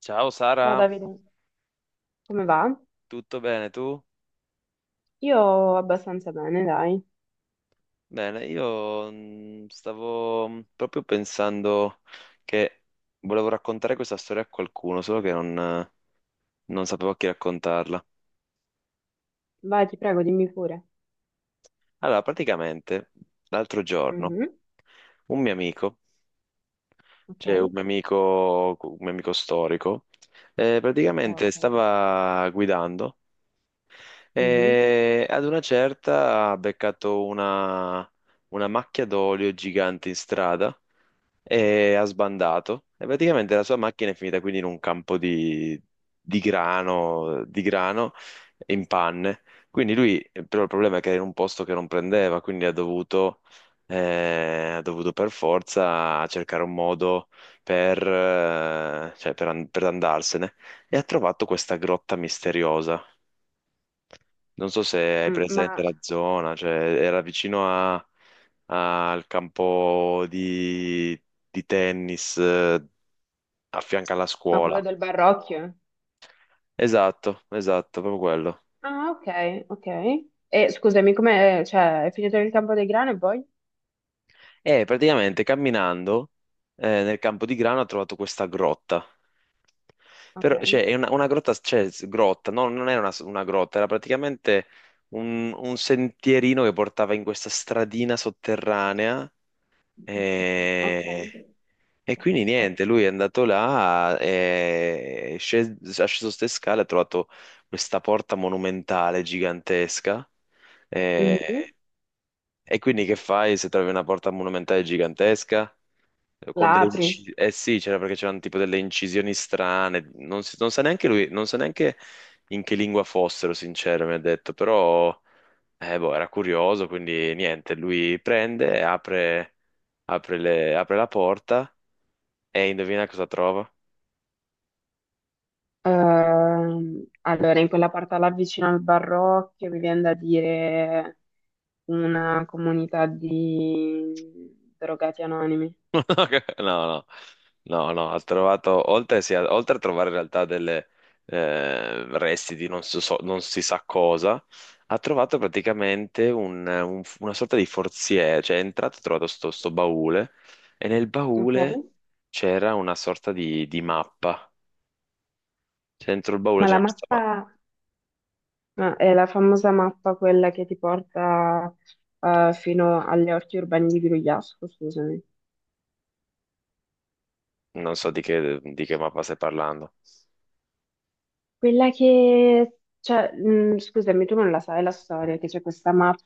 Ciao Ciao Sara, Davide, come va? tutto bene tu? Io abbastanza bene, dai. Bene, io stavo proprio pensando che volevo raccontare questa storia a qualcuno, solo che non, non sapevo a chi raccontarla. Vai, ti prego, dimmi pure. Allora, praticamente l'altro giorno Mhm. un mio amico, Ok, cioè un mio amico storico, praticamente ok. stava guidando Mhm. e ad una certa ha beccato una macchia d'olio gigante in strada e ha sbandato e praticamente la sua macchina è finita quindi in un campo di grano in panne. Quindi lui, però il problema è che era in un posto che non prendeva, quindi ha dovuto per forza cercare un modo per, cioè per andarsene e ha trovato questa grotta misteriosa, non so se hai Mm, presente la zona, cioè era vicino al campo di tennis, a fianco alla ma quello scuola. del Barrocchio? Esatto, esatto, proprio quello. Ah, ok, ok. E scusami, come, cioè, è finito il campo dei grani e poi? E praticamente camminando, nel campo di grano ho trovato questa grotta. Ok, Però, cioè, è una grotta, cioè, s- grotta, no, non era una grotta, era praticamente un sentierino che portava in questa stradina sotterranea. ok. E E quindi niente, lui è andato là, è sceso ste scale, ha trovato questa porta monumentale gigantesca. eh, Mhm. E quindi che fai se trovi una porta monumentale gigantesca? Con La delle apri. incisioni, eh sì, c'era perché c'erano tipo delle incisioni strane, non sa neanche lui, non sa neanche in che lingua fossero, sincero, mi ha detto, però boh, era curioso, quindi niente, lui prende, apre, apre la porta e indovina cosa trova? Allora, in quella parte là vicino al Barrocchio, mi viene da dire una comunità di drogati anonimi. No, no, no, no, ha trovato, oltre, sì, oltre a trovare in realtà delle resti di non, so- so- non si sa cosa, ha trovato praticamente una sorta di forziere, cioè è entrato e ha trovato sto baule e nel Ok. baule c'era una sorta di mappa. Cioè, dentro il baule Ma la c'era questa mappa, mappa, ma è la famosa mappa quella che ti porta fino agli orti urbani di Grugliasco, scusami. non so di di che mappa stai parlando. Quella che, cioè, scusami, tu non la sai la storia, che c'è questa mappa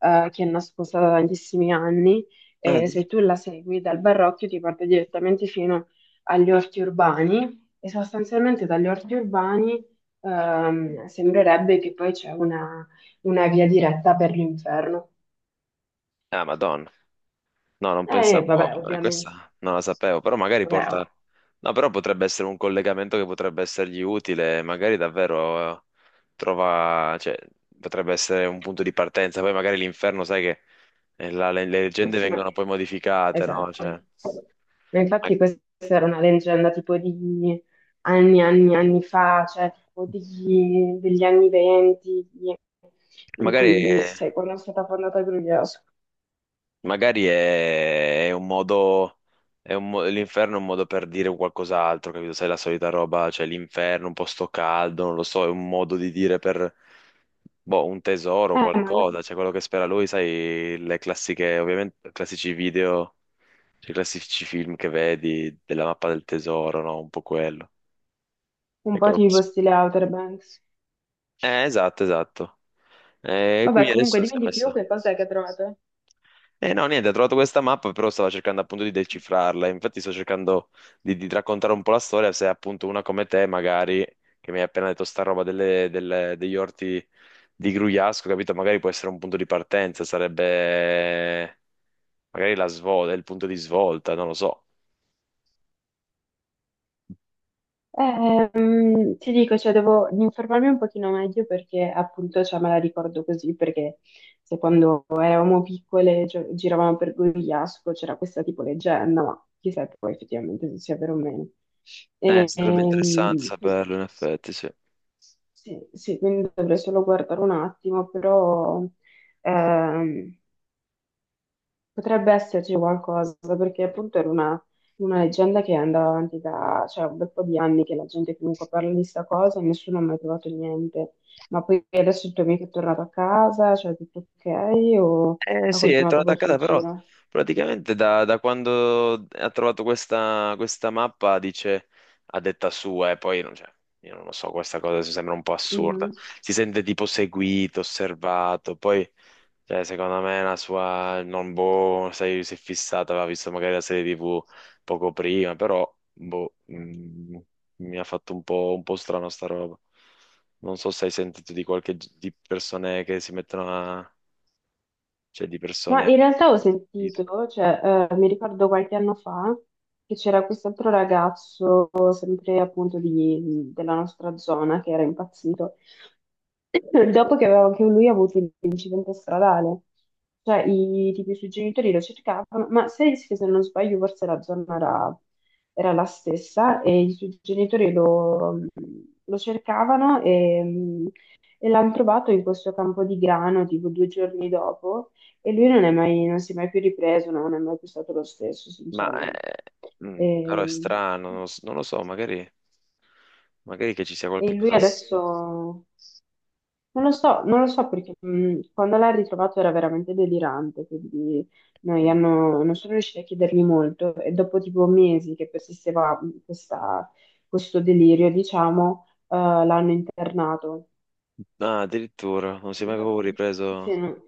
che è nascosta da tantissimi anni Ah, e di- se tu la segui dal Barocchio ti porta direttamente fino agli orti urbani e sostanzialmente dagli orti urbani sembrerebbe che poi c'è una via diretta per l'inferno. ah, Madonna. No, non pensavo, Vabbè, ovviamente. questa non la sapevo, però magari Vabbè, porta... No, però potrebbe essere un collegamento che potrebbe essergli utile, magari davvero, trova, cioè, potrebbe essere un punto di partenza, poi magari l'inferno, sai che, le oh, leggende sì, ma... vengono poi modificate, no? Esatto. Cioè, Ma ma- infatti questa era una leggenda tipo di anni fa, cioè tipo di- degli anni 20, di- in magari... cui, sai, quando è stata fondata Gruglioso. Magari è un modo, è l'inferno è un modo per dire qualcos'altro, capito? Sai, la solita roba, cioè l'inferno, un posto caldo, non lo so, è un modo di dire per, boh, un tesoro, Ma qualcosa, cioè quello che spera lui, sai, le classiche, ovviamente, classici video, cioè, i classici film che vedi della mappa del tesoro, no? Un po' quello. un È po' quello che tipo s- stile Outer Banks. Esatto, esatto. E Vabbè, quindi comunque adesso si dimmi è di più messo. che cosa è che trovate. Eh no, niente, ho trovato questa mappa, però stavo cercando appunto di decifrarla. Infatti sto cercando di raccontare un po' la storia, se appunto una come te, magari, che mi hai appena detto sta roba degli orti di Grugliasco, capito? Magari può essere un punto di partenza, sarebbe magari la svolta, il punto di svolta, non lo so. Ti dico, cioè, devo informarmi un pochino meglio perché appunto cioè, me la ricordo così, perché se quando eravamo piccole gio- giravamo per Gorigliasco c'era questa tipo leggenda, ma chissà poi effettivamente se sia vero o meno. Sarebbe interessante Quindi- saperlo, in effetti, sì. sì, sì, quindi dovrei solo guardare un attimo, però ehm, potrebbe esserci qualcosa, perché appunto era una leggenda che andava avanti da, cioè, un bel po' di anni che la gente comunque parla di sta cosa e nessuno ha mai trovato niente. Ma poi adesso il tuo amico è tornato a casa, cioè tutto ok, o Eh ha sì, è continuato tornato a col suo casa, però giro? praticamente da quando ha trovato questa mappa dice, a detta sua, e poi cioè, io non lo so, questa cosa mi sembra un po' Mhm. assurda. Si sente tipo seguito, osservato, poi cioè, secondo me la sua non boh, sai, si è fissata, aveva visto magari la serie TV poco prima, però boh, mi ha fatto un po' strano sta roba. Non so se hai sentito di qualche di persone che si mettono a... Cioè, di Ma persone. in realtà ho Dite. sentito, cioè, mi ricordo qualche anno fa che c'era quest'altro ragazzo, sempre appunto di- della nostra zona, che era impazzito, dopo che, aveva- che lui ha avuto l'incidente stradale. Cioè, i, tipo, i suoi genitori lo cercavano, ma se, se non sbaglio forse la zona era, era la stessa e i suoi genitori lo, lo cercavano e l'hanno trovato in questo campo di grano tipo due giorni dopo e lui non è mai- non si è mai più ripreso, no, non è mai più stato lo stesso, Ma sinceramente. eh, però è E, strano, non lo so, magari, magari che ci sia e qualche lui cosa. Adesso non lo so, non lo so perché quando l'ha ritrovato era veramente delirante, quindi noi Mm. hanno- non sono riusciti a chiedergli molto e dopo tipo mesi che persisteva questa- questo delirio, diciamo, l'hanno internato. Ah, addirittura, non si è Non mai so- proprio ripreso sì, no.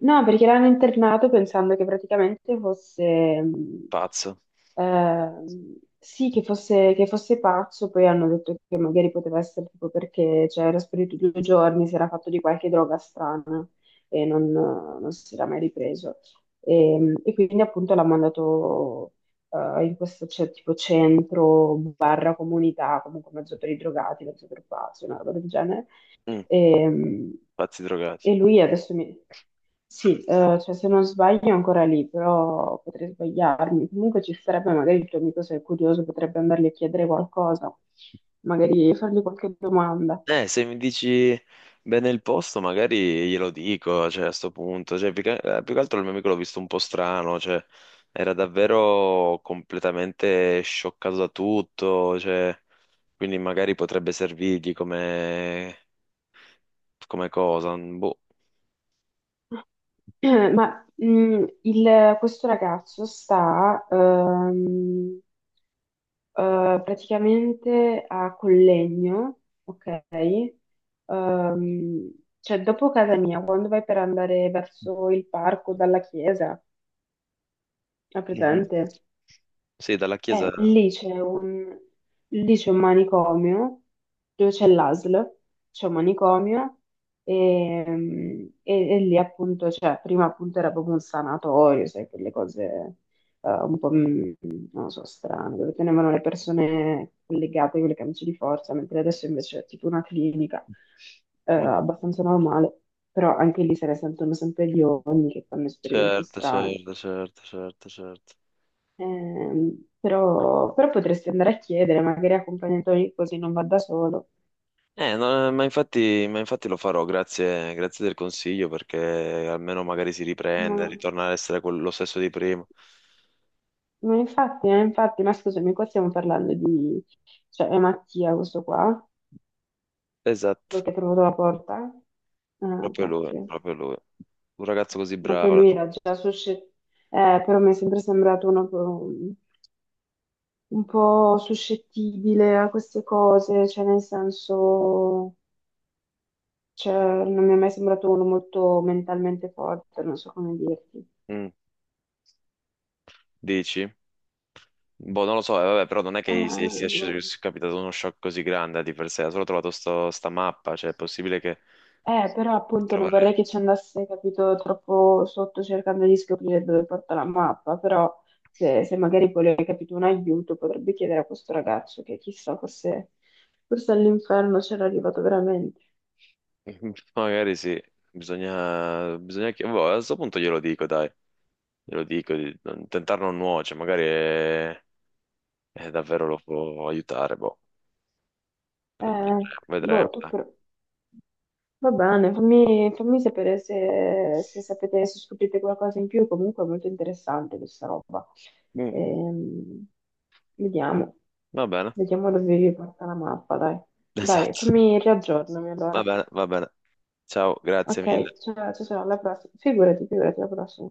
No, perché l'hanno internato pensando che praticamente fosse, pazzo. Sì, che fosse pazzo, poi hanno detto che magari poteva essere tipo perché cioè, era sparito due giorni, si era fatto di qualche droga strana e non, non si era mai ripreso. E quindi appunto l'ha mandato in questo c'è tipo centro, barra comunità, comunque mezzo per i drogati, mezzo per pazzi, una roba del genere. Mm, E, pazzi drogati. e lui adesso mi... cioè, se non sbaglio è ancora lì, però potrei sbagliarmi. Comunque ci sarebbe magari il tuo amico, se è curioso, potrebbe andargli a chiedere qualcosa, magari fargli qualche domanda. Se mi dici bene il posto, magari glielo dico, cioè, a sto punto. Cioè, più che altro il mio amico l'ho visto un po' strano, cioè, era davvero completamente scioccato da tutto, cioè, quindi magari potrebbe servirgli come, come cosa, boh. Ma il- questo ragazzo sta praticamente a Collegno, ok? Ehm, cioè, dopo casa mia, quando vai per andare verso il parco dalla chiesa, è Mhm. presente? Sì, dalla chiesa. Eh, lì c'è un, lì c'è un manicomio dove c'è l'ASL, c'è un manicomio e lì appunto, cioè, prima appunto era proprio un sanatorio, sai, quelle cose un po', mm, non lo so, strane, dove tenevano le persone legate con le camicie di forza, mentre adesso invece è tipo una clinica Mm. abbastanza normale, però anche lì se ne sentono sempre gli ogni che fanno esperimenti Certo, strani. certo, certo, certo, certo. Però, però potresti andare a chiedere, magari accompagnatori così non va da solo. No, ma infatti lo farò, grazie, grazie del consiglio, perché almeno magari si Ma, riprende, ritorna ad essere quello stesso di prima. ma infatti, infatti, ma scusami, qua stiamo parlando di... Cioè, è Mattia questo qua, quello Esatto, che ha trovato la porta. Ah, proprio lui, cacchio. proprio lui. Un ragazzo così Ma poi bravo. lui era già suscettibile, però mi è sempre sembrato uno un po' suscettibile a queste cose, cioè nel senso, cioè, non mi è mai sembrato uno molto mentalmente forte, non so come dirti. Mm, dici? Boh, non lo so, vabbè, però non è che si sia Eh, sceso, sia capitato uno shock così grande di per sé, ha solo trovato sta mappa, cioè è possibile che Però appunto non vorrei trovare... che ci andasse, capito, troppo sotto cercando di scoprire dove porta la mappa, però se, se magari vuole, capito, un aiuto potrebbe chiedere a questo ragazzo che chissà, forse, forse all'inferno c'era arrivato veramente. Magari sì, bisogna, bisogna che... boh, a questo punto glielo dico, dai, glielo dico, di non- tentare non nuoce, magari davvero lo può aiutare, boh, vedremo, Eh, boh, vedremo. tu Dai. però. Va bene, fammi, fammi sapere se, se sapete, se scoprite qualcosa in più, comunque è molto interessante questa roba. Mm, Ehm, Vediamo, va bene. vediamo dove vi porta la mappa, dai. Dai, Esatto, fammi riaggiornami va allora. bene, va bene. Ciao, grazie Ok, mille. ciao, ciao, ciao, alla prossima. Figurati, figurati, alla prossima.